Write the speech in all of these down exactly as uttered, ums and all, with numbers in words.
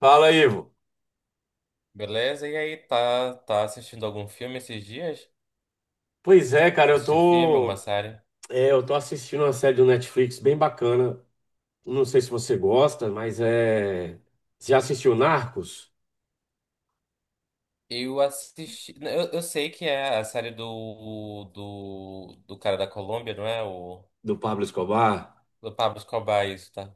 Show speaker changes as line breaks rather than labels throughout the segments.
Fala, Ivo.
Beleza? E aí, tá, tá assistindo algum filme esses dias?
Pois é, cara, eu
Assistiu filme,
tô,
alguma série?
é, eu tô assistindo uma série do Netflix bem bacana. Não sei se você gosta, mas é. Você já assistiu Narcos,
Eu assisti. Eu, eu sei que é a série do, do, do cara da Colômbia, não é? O,
do Pablo Escobar?
do Pablo Escobar, isso, tá?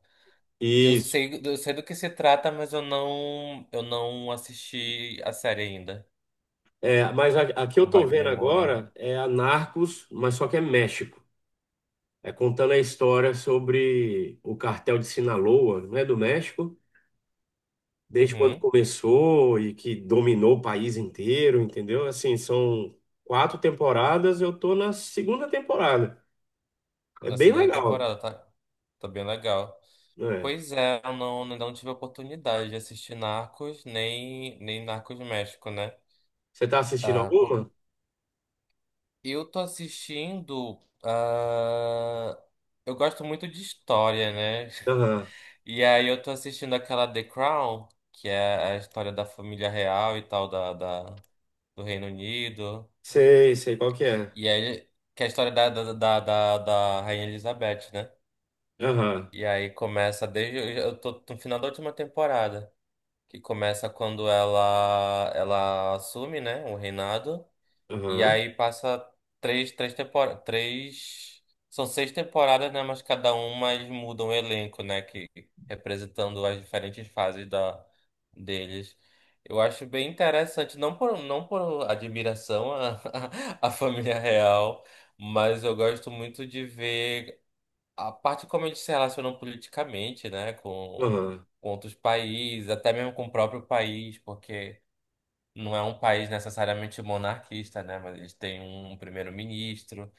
Eu
Isso.
sei, eu sei do que se trata, mas eu não, eu não assisti a série ainda,
É, mas a, a que eu
com
tô vendo
Wagner Moura.
agora é a Narcos, mas só que é México. É contando a história sobre o cartel de Sinaloa, não é do México, desde quando
Uhum,
começou e que dominou o país inteiro, entendeu? Assim, são quatro temporadas, eu tô na segunda temporada. É
na
bem
segunda
legal.
temporada, tá? Tá bem legal.
Né?
Pois é, eu não, ainda não tive a oportunidade de assistir Narcos, nem, nem Narcos México, né?
Você tá assistindo
Ah,
alguma?
eu tô assistindo. Ah, eu gosto muito de história, né?
Aham.
E aí eu tô assistindo aquela The Crown, que é a história da família real e tal, da, da- do Reino Unido.
Sei, sei qual que é.
E aí, que é a história da, da, da, da, da Rainha Elizabeth, né?
Aham,
E aí começa desde. Eu tô no final da última temporada, que começa quando ela, ela assume, né, o reinado. E
aham,
aí passa três, três temporadas, três, são seis temporadas, né? Mas cada uma eles mudam o elenco, né? Que representando as diferentes fases da deles. Eu acho bem interessante, não por, não por admiração à, à família real, mas eu gosto muito de ver a parte como eles se relacionam politicamente, né? Com,
aham.
com outros países, até mesmo com o próprio país, porque não é um país necessariamente monarquista, né? Mas eles têm um primeiro-ministro.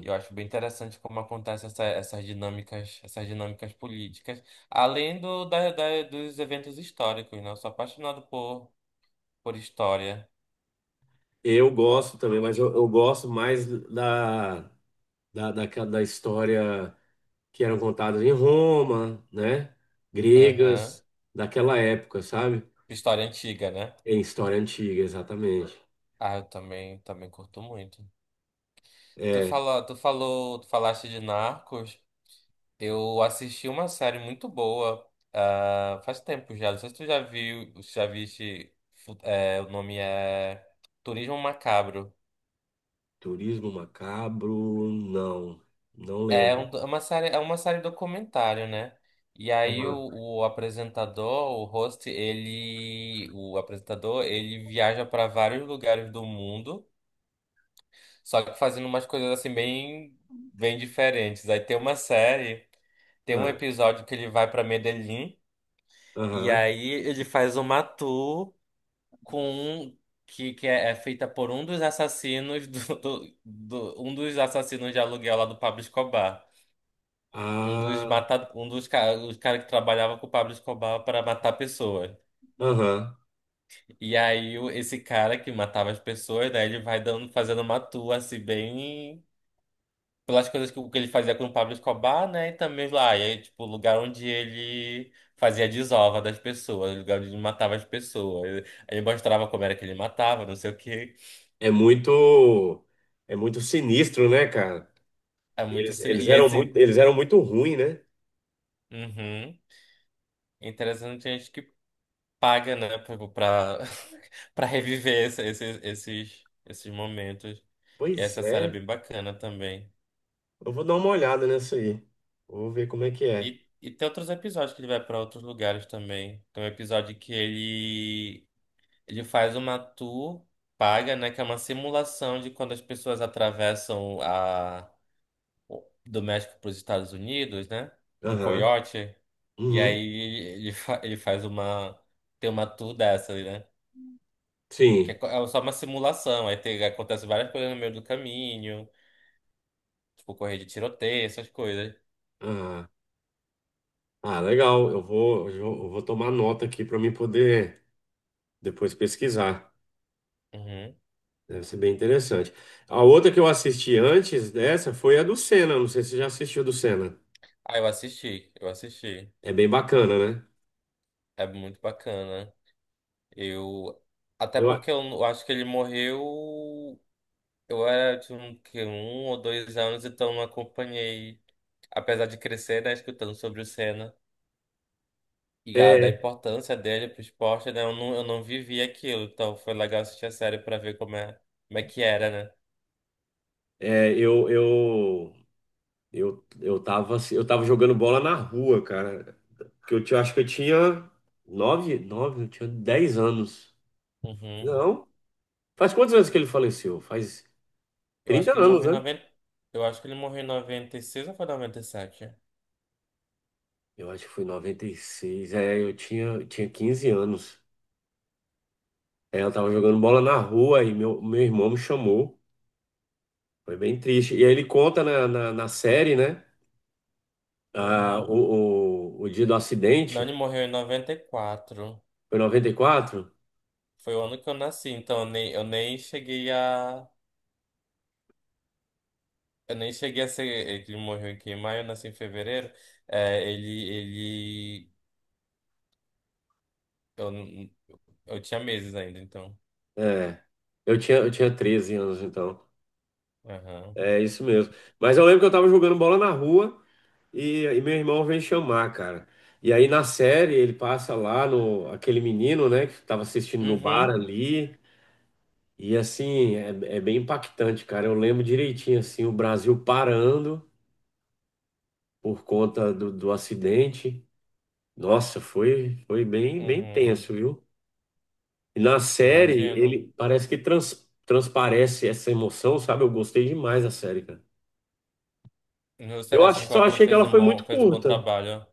E eu acho bem interessante como acontecem essa- essas dinâmicas, essas dinâmicas políticas, além do, da, da- dos eventos históricos, né? Eu sou apaixonado por, por história.
Eu gosto também, mas eu, eu gosto mais da, da, daquela- da, história que eram contadas em Roma, né?
Aham.
Gregas, daquela época, sabe?
História antiga, né?
Em história antiga, exatamente.
Ah, eu também, também curto muito. Tu
É,
falou, tu falou, tu falaste de Narcos. Eu assisti uma série muito boa, ah, faz tempo já. Não sei se tu já viu, se já viste, fu- é, o nome é Turismo Macabro.
turismo macabro, não. Não
É, um-
lembro.
é uma série, é uma série documentário, né? E aí o,
Aham,
o apresentador, o host, ele, o apresentador, ele viaja para vários lugares do mundo, só que fazendo umas coisas assim bem, bem diferentes. Aí tem uma série, tem um
ah,
episódio que ele vai para Medellín e
aham.
aí ele faz uma tour com um que, que é, é, feita por um dos assassinos do, do, do- um dos assassinos de aluguel lá do Pablo Escobar. Um dos
Ah,
mata, um dos ca- os cara que trabalhava com o Pablo Escobar para matar pessoas.
aham.
E aí o- esse cara que matava as pessoas, né, ele vai dando fazendo uma tour assim bem pelas coisas que, o que ele fazia com o Pablo Escobar, né, e também lá, e aí, tipo, o lugar onde ele fazia a desova das pessoas, o lugar onde ele matava as pessoas. Ele mostrava como era que ele matava, não sei o quê.
É muito, é muito sinistro, né, cara?
É muito
Eles,
assim.
eles
E é
eram
assim,
muito, eles eram muito ruins, né?
uhum, interessante que a gente que paga, né, pra, pra pra reviver esse- esses, esses, esses momentos. E
Pois
essa série é
é.
bem bacana também.
Eu vou dar uma olhada nessa aí. Vou ver como é que é.
E, e tem outros episódios que ele vai pra outros lugares também. Tem um episódio que ele, ele faz uma tour paga, né, que é uma simulação de quando as pessoas atravessam a do México para os Estados Unidos, né? Um
Aham.
coiote. E
Uhum.
aí ele, fa- ele faz uma. Tem uma tour dessa, né? Que é,
Sim.
co- é só uma simulação. Aí tem, acontece várias coisas no meio do caminho. Tipo, correr de tiroteio, essas coisas.
Ah, ah, legal. Eu vou eu vou eu vou tomar nota aqui para mim poder depois pesquisar.
Uhum.
Deve ser bem interessante. A outra que eu assisti antes dessa foi a do Senna. Não sei se você já assistiu a do Senna.
Ah, eu assisti, eu assisti.
É bem bacana, né?
É muito bacana. Eu. Até
Eu, a-
porque eu, eu acho que ele morreu. Eu era de um, que, um ou dois anos, então não acompanhei. Apesar de crescer, né, escutando sobre o Senna, e a- da
é,
importância dele pro esporte, né? Eu não, eu não vivi aquilo, então foi legal assistir a série pra ver como é, como é que era, né?
é, eu, eu Eu, eu tava, assim- eu tava jogando bola na rua, cara. Que eu, tinha- acho que eu tinha nove, nove, eu tinha dez anos.
Uhum.
Não. Faz quantos anos que ele faleceu? Faz
Eu acho
trinta
que ele
anos,
morreu em
né?
noventa eu acho que ele morreu em noventa e seis ou foi noventa e sete?
Eu acho que foi em noventa e seis. É, eu tinha, eu tinha quinze anos. É, eu tava jogando bola na rua e meu, meu irmão me chamou. Foi bem triste. E aí ele conta na, na, na série, né? Ah,
Uhum.
o, o, o dia do
Não, ele
acidente.
morreu em noventa e quatro.
Foi em noventa e quatro?
Foi o ano que eu nasci, então eu nem, eu nem cheguei a. Eu nem cheguei a ser. Ele morreu aqui em maio, eu nasci em fevereiro. É, ele, ele. Eu, n- eu tinha meses ainda, então.
Eu tinha, eu tinha treze anos, então.
Aham.
É isso mesmo. Mas eu lembro que eu tava jogando bola na rua e, e meu irmão vem chamar, cara. E aí na série ele passa lá no aquele menino, né, que tava assistindo no bar
Uhum.
ali. E assim, é, é bem impactante, cara. Eu lembro direitinho assim, o Brasil parando por conta do, do acidente. Nossa, foi foi bem bem
Uhum.
tenso, viu? E na série
Imagino.
ele parece que trans, transparece essa emoção, sabe? Eu gostei demais da série, cara.
Você
Eu
acha
acho,
que o
só
ator
achei que
fez
ela
um
foi muito
bom, fez um bom
curta.
trabalho?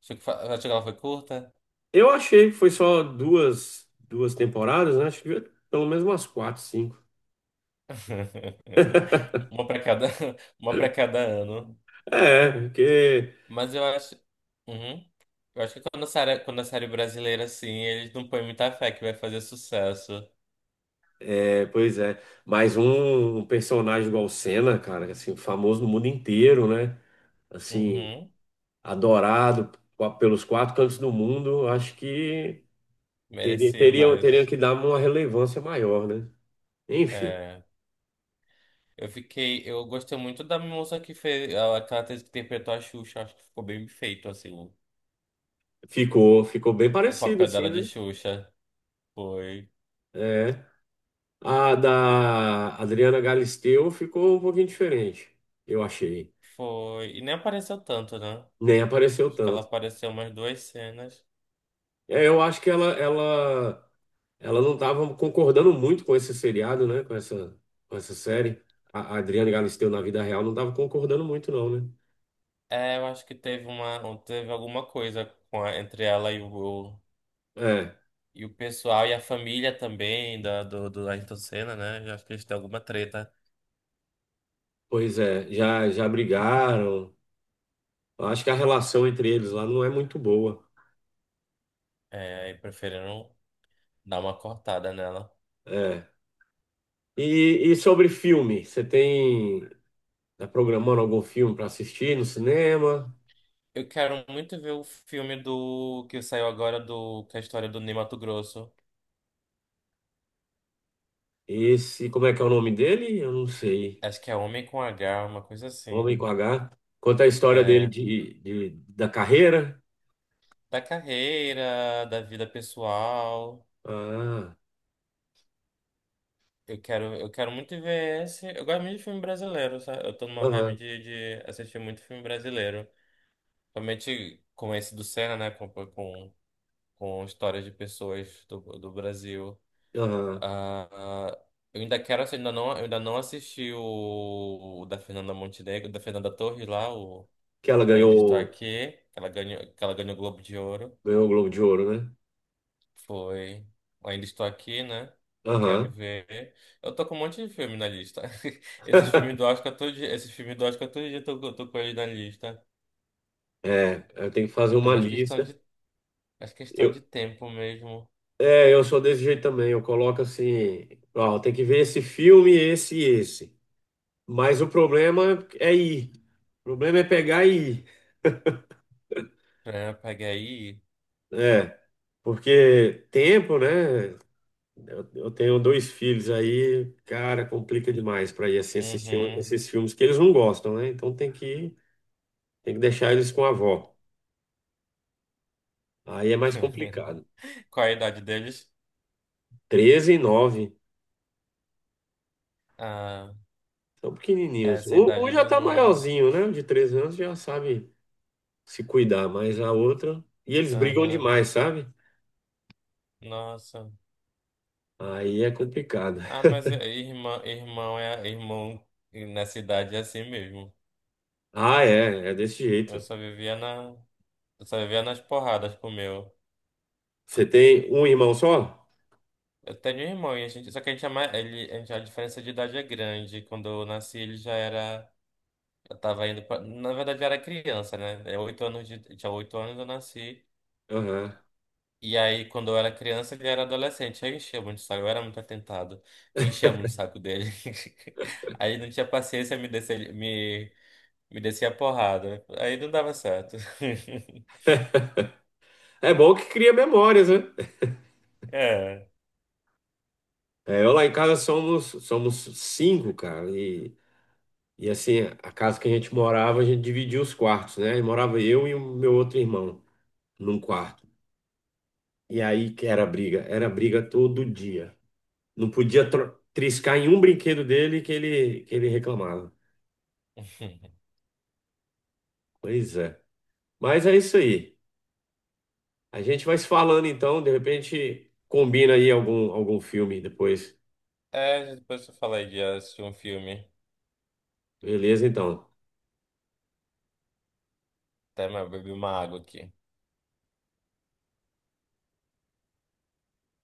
Acho que, fa- acho que ela foi curta?
Eu achei que foi só duas, duas temporadas, né? Acho que devia ter pelo menos umas quatro, cinco.
Uma para cada, uma para cada ano.
É, porque.
Mas eu acho. Uhum. Eu acho que quando a série, quando a série brasileira, assim, eles não põem muita fé que vai fazer sucesso.
É, pois é. Mais um, um personagem igual o Senna, cara, assim, famoso no mundo inteiro, né? Assim,
Uhum.
adorado pa- pelos quatro cantos do mundo. Acho que teria,
Merecia
teria, teria
mais.
que dar uma relevância maior, né? Enfim,
É. Eu fiquei. Eu gostei muito da moça que fez. Ela, aquela atriz que interpretou a Xuxa. Acho que ficou bem feito, assim. O
ficou, ficou bem
o
parecido,
papel
assim,
dela de
né?
Xuxa. Foi.
É. A da Adriana Galisteu ficou um pouquinho diferente, eu achei.
Foi. E nem apareceu tanto, né?
Nem apareceu
Acho que ela
tanto.
apareceu umas duas cenas.
É, eu acho que ela, ela, ela não estava concordando muito com esse seriado, né? Com essa, com essa série. A, a Adriane Galisteu na vida real não estava concordando muito, não, né?
É, eu acho que teve uma, teve alguma coisa com a- entre ela e o,
É,
e o pessoal e a família também da, do, do Ayrton Senna, né? Eu acho que eles têm alguma treta.
pois é, já, já brigaram. Eu acho que a relação entre eles lá não é muito boa.
É, e preferiram dar uma cortada nela.
É. E, e sobre filme, você tem, tá programando algum filme para assistir no cinema?
Eu quero muito ver o filme do que saiu agora do que é a história do Ney Matogrosso.
Esse, como é que é o nome dele? Eu não sei.
Acho que é Homem com H, uma coisa assim.
Homem com H. Conta a história dele
É,
de, de- da carreira.
da carreira, da vida pessoal.
Ah,
Eu quero, eu quero muito ver esse. Eu gosto muito de filme brasileiro, sabe? Eu tô numa vibe
aham,
de, de assistir muito filme brasileiro. Principalmente com esse do Senna, né? Com, com, com histórias de pessoas do, do Brasil.
aham.
Ah, ah, eu ainda quero assistir, ainda não, eu ainda não assisti o, o da Fernanda Montenegro, da Fernanda Torres lá, o,
Que ela
o Ainda Estou
ganhou,
Aqui, que ela ganhou, que ela ganhou o Globo de Ouro.
ganhou o Globo de Ouro, né?
Foi. Ainda estou aqui, né? Quero
Aham.
ver. Eu tô com um monte de filme na lista. Esses filmes do Oscar todo dia, esses filmes do Oscar todo dia eu tô, eu tô com eles na lista.
É, eu tenho que fazer
É
uma
mais questão
lista.
de, mais questão
Eu,
de tempo mesmo
é, eu sou desse jeito também. Eu coloco assim, ó, tem que ver esse filme, esse e esse. Mas o problema é ir. O problema é pegar e ir.
pra pegar aí.
É, porque tempo, né? Eu, eu tenho dois filhos aí, cara, complica demais para ir assim assistir um-
Uhum.
esses filmes que eles não gostam, né? Então tem que, tem que deixar eles com a avó. Aí é mais complicado.
Qual a idade deles?
Treze e nove,
Ah,
são pequenininhos.
essa
Um,
idade
um já
ele
tá
não.
maiorzinho, né? O de treze anos já sabe se cuidar, mas a outra. E eles brigam
Aham.
demais, sabe?
Nossa.
Aí é complicado.
Ah, mas irmão, irmão é irmão nessa idade é assim mesmo.
Ah, é, é desse
Eu
jeito.
só vivia na, eu só vivia nas porradas com o meu.
Você tem um irmão só?
Eu tenho um irmão, e a gente, só que a gente é mais, ele, a gente, a diferença de idade é grande. Quando eu nasci, ele já era, eu tava indo pra, na verdade, eu era criança, né? É oito anos de, tinha oito anos eu nasci.
Aham.
E aí, quando eu era criança, ele era adolescente. Aí eu enchia muito o saco, eu era muito atentado. Eu enchia muito o saco dele. Aí ele não tinha paciência, me descia, me, me descia a porrada. Aí não dava certo.
É bom que cria memórias, né?
É.
É, eu lá em casa somos, somos cinco, cara. E, e assim, a casa que a gente morava, a gente dividia os quartos, né? E morava eu e o meu outro irmão num quarto. E aí que era briga, era briga todo dia. Não podia tro- triscar em um brinquedo dele que ele, que ele reclamava. Pois é. Mas é isso aí. A gente vai se falando então, de repente combina aí algum, algum filme depois.
É, depois eu falei de assistir um filme.
Beleza, então.
Até mas eu bebi uma água aqui.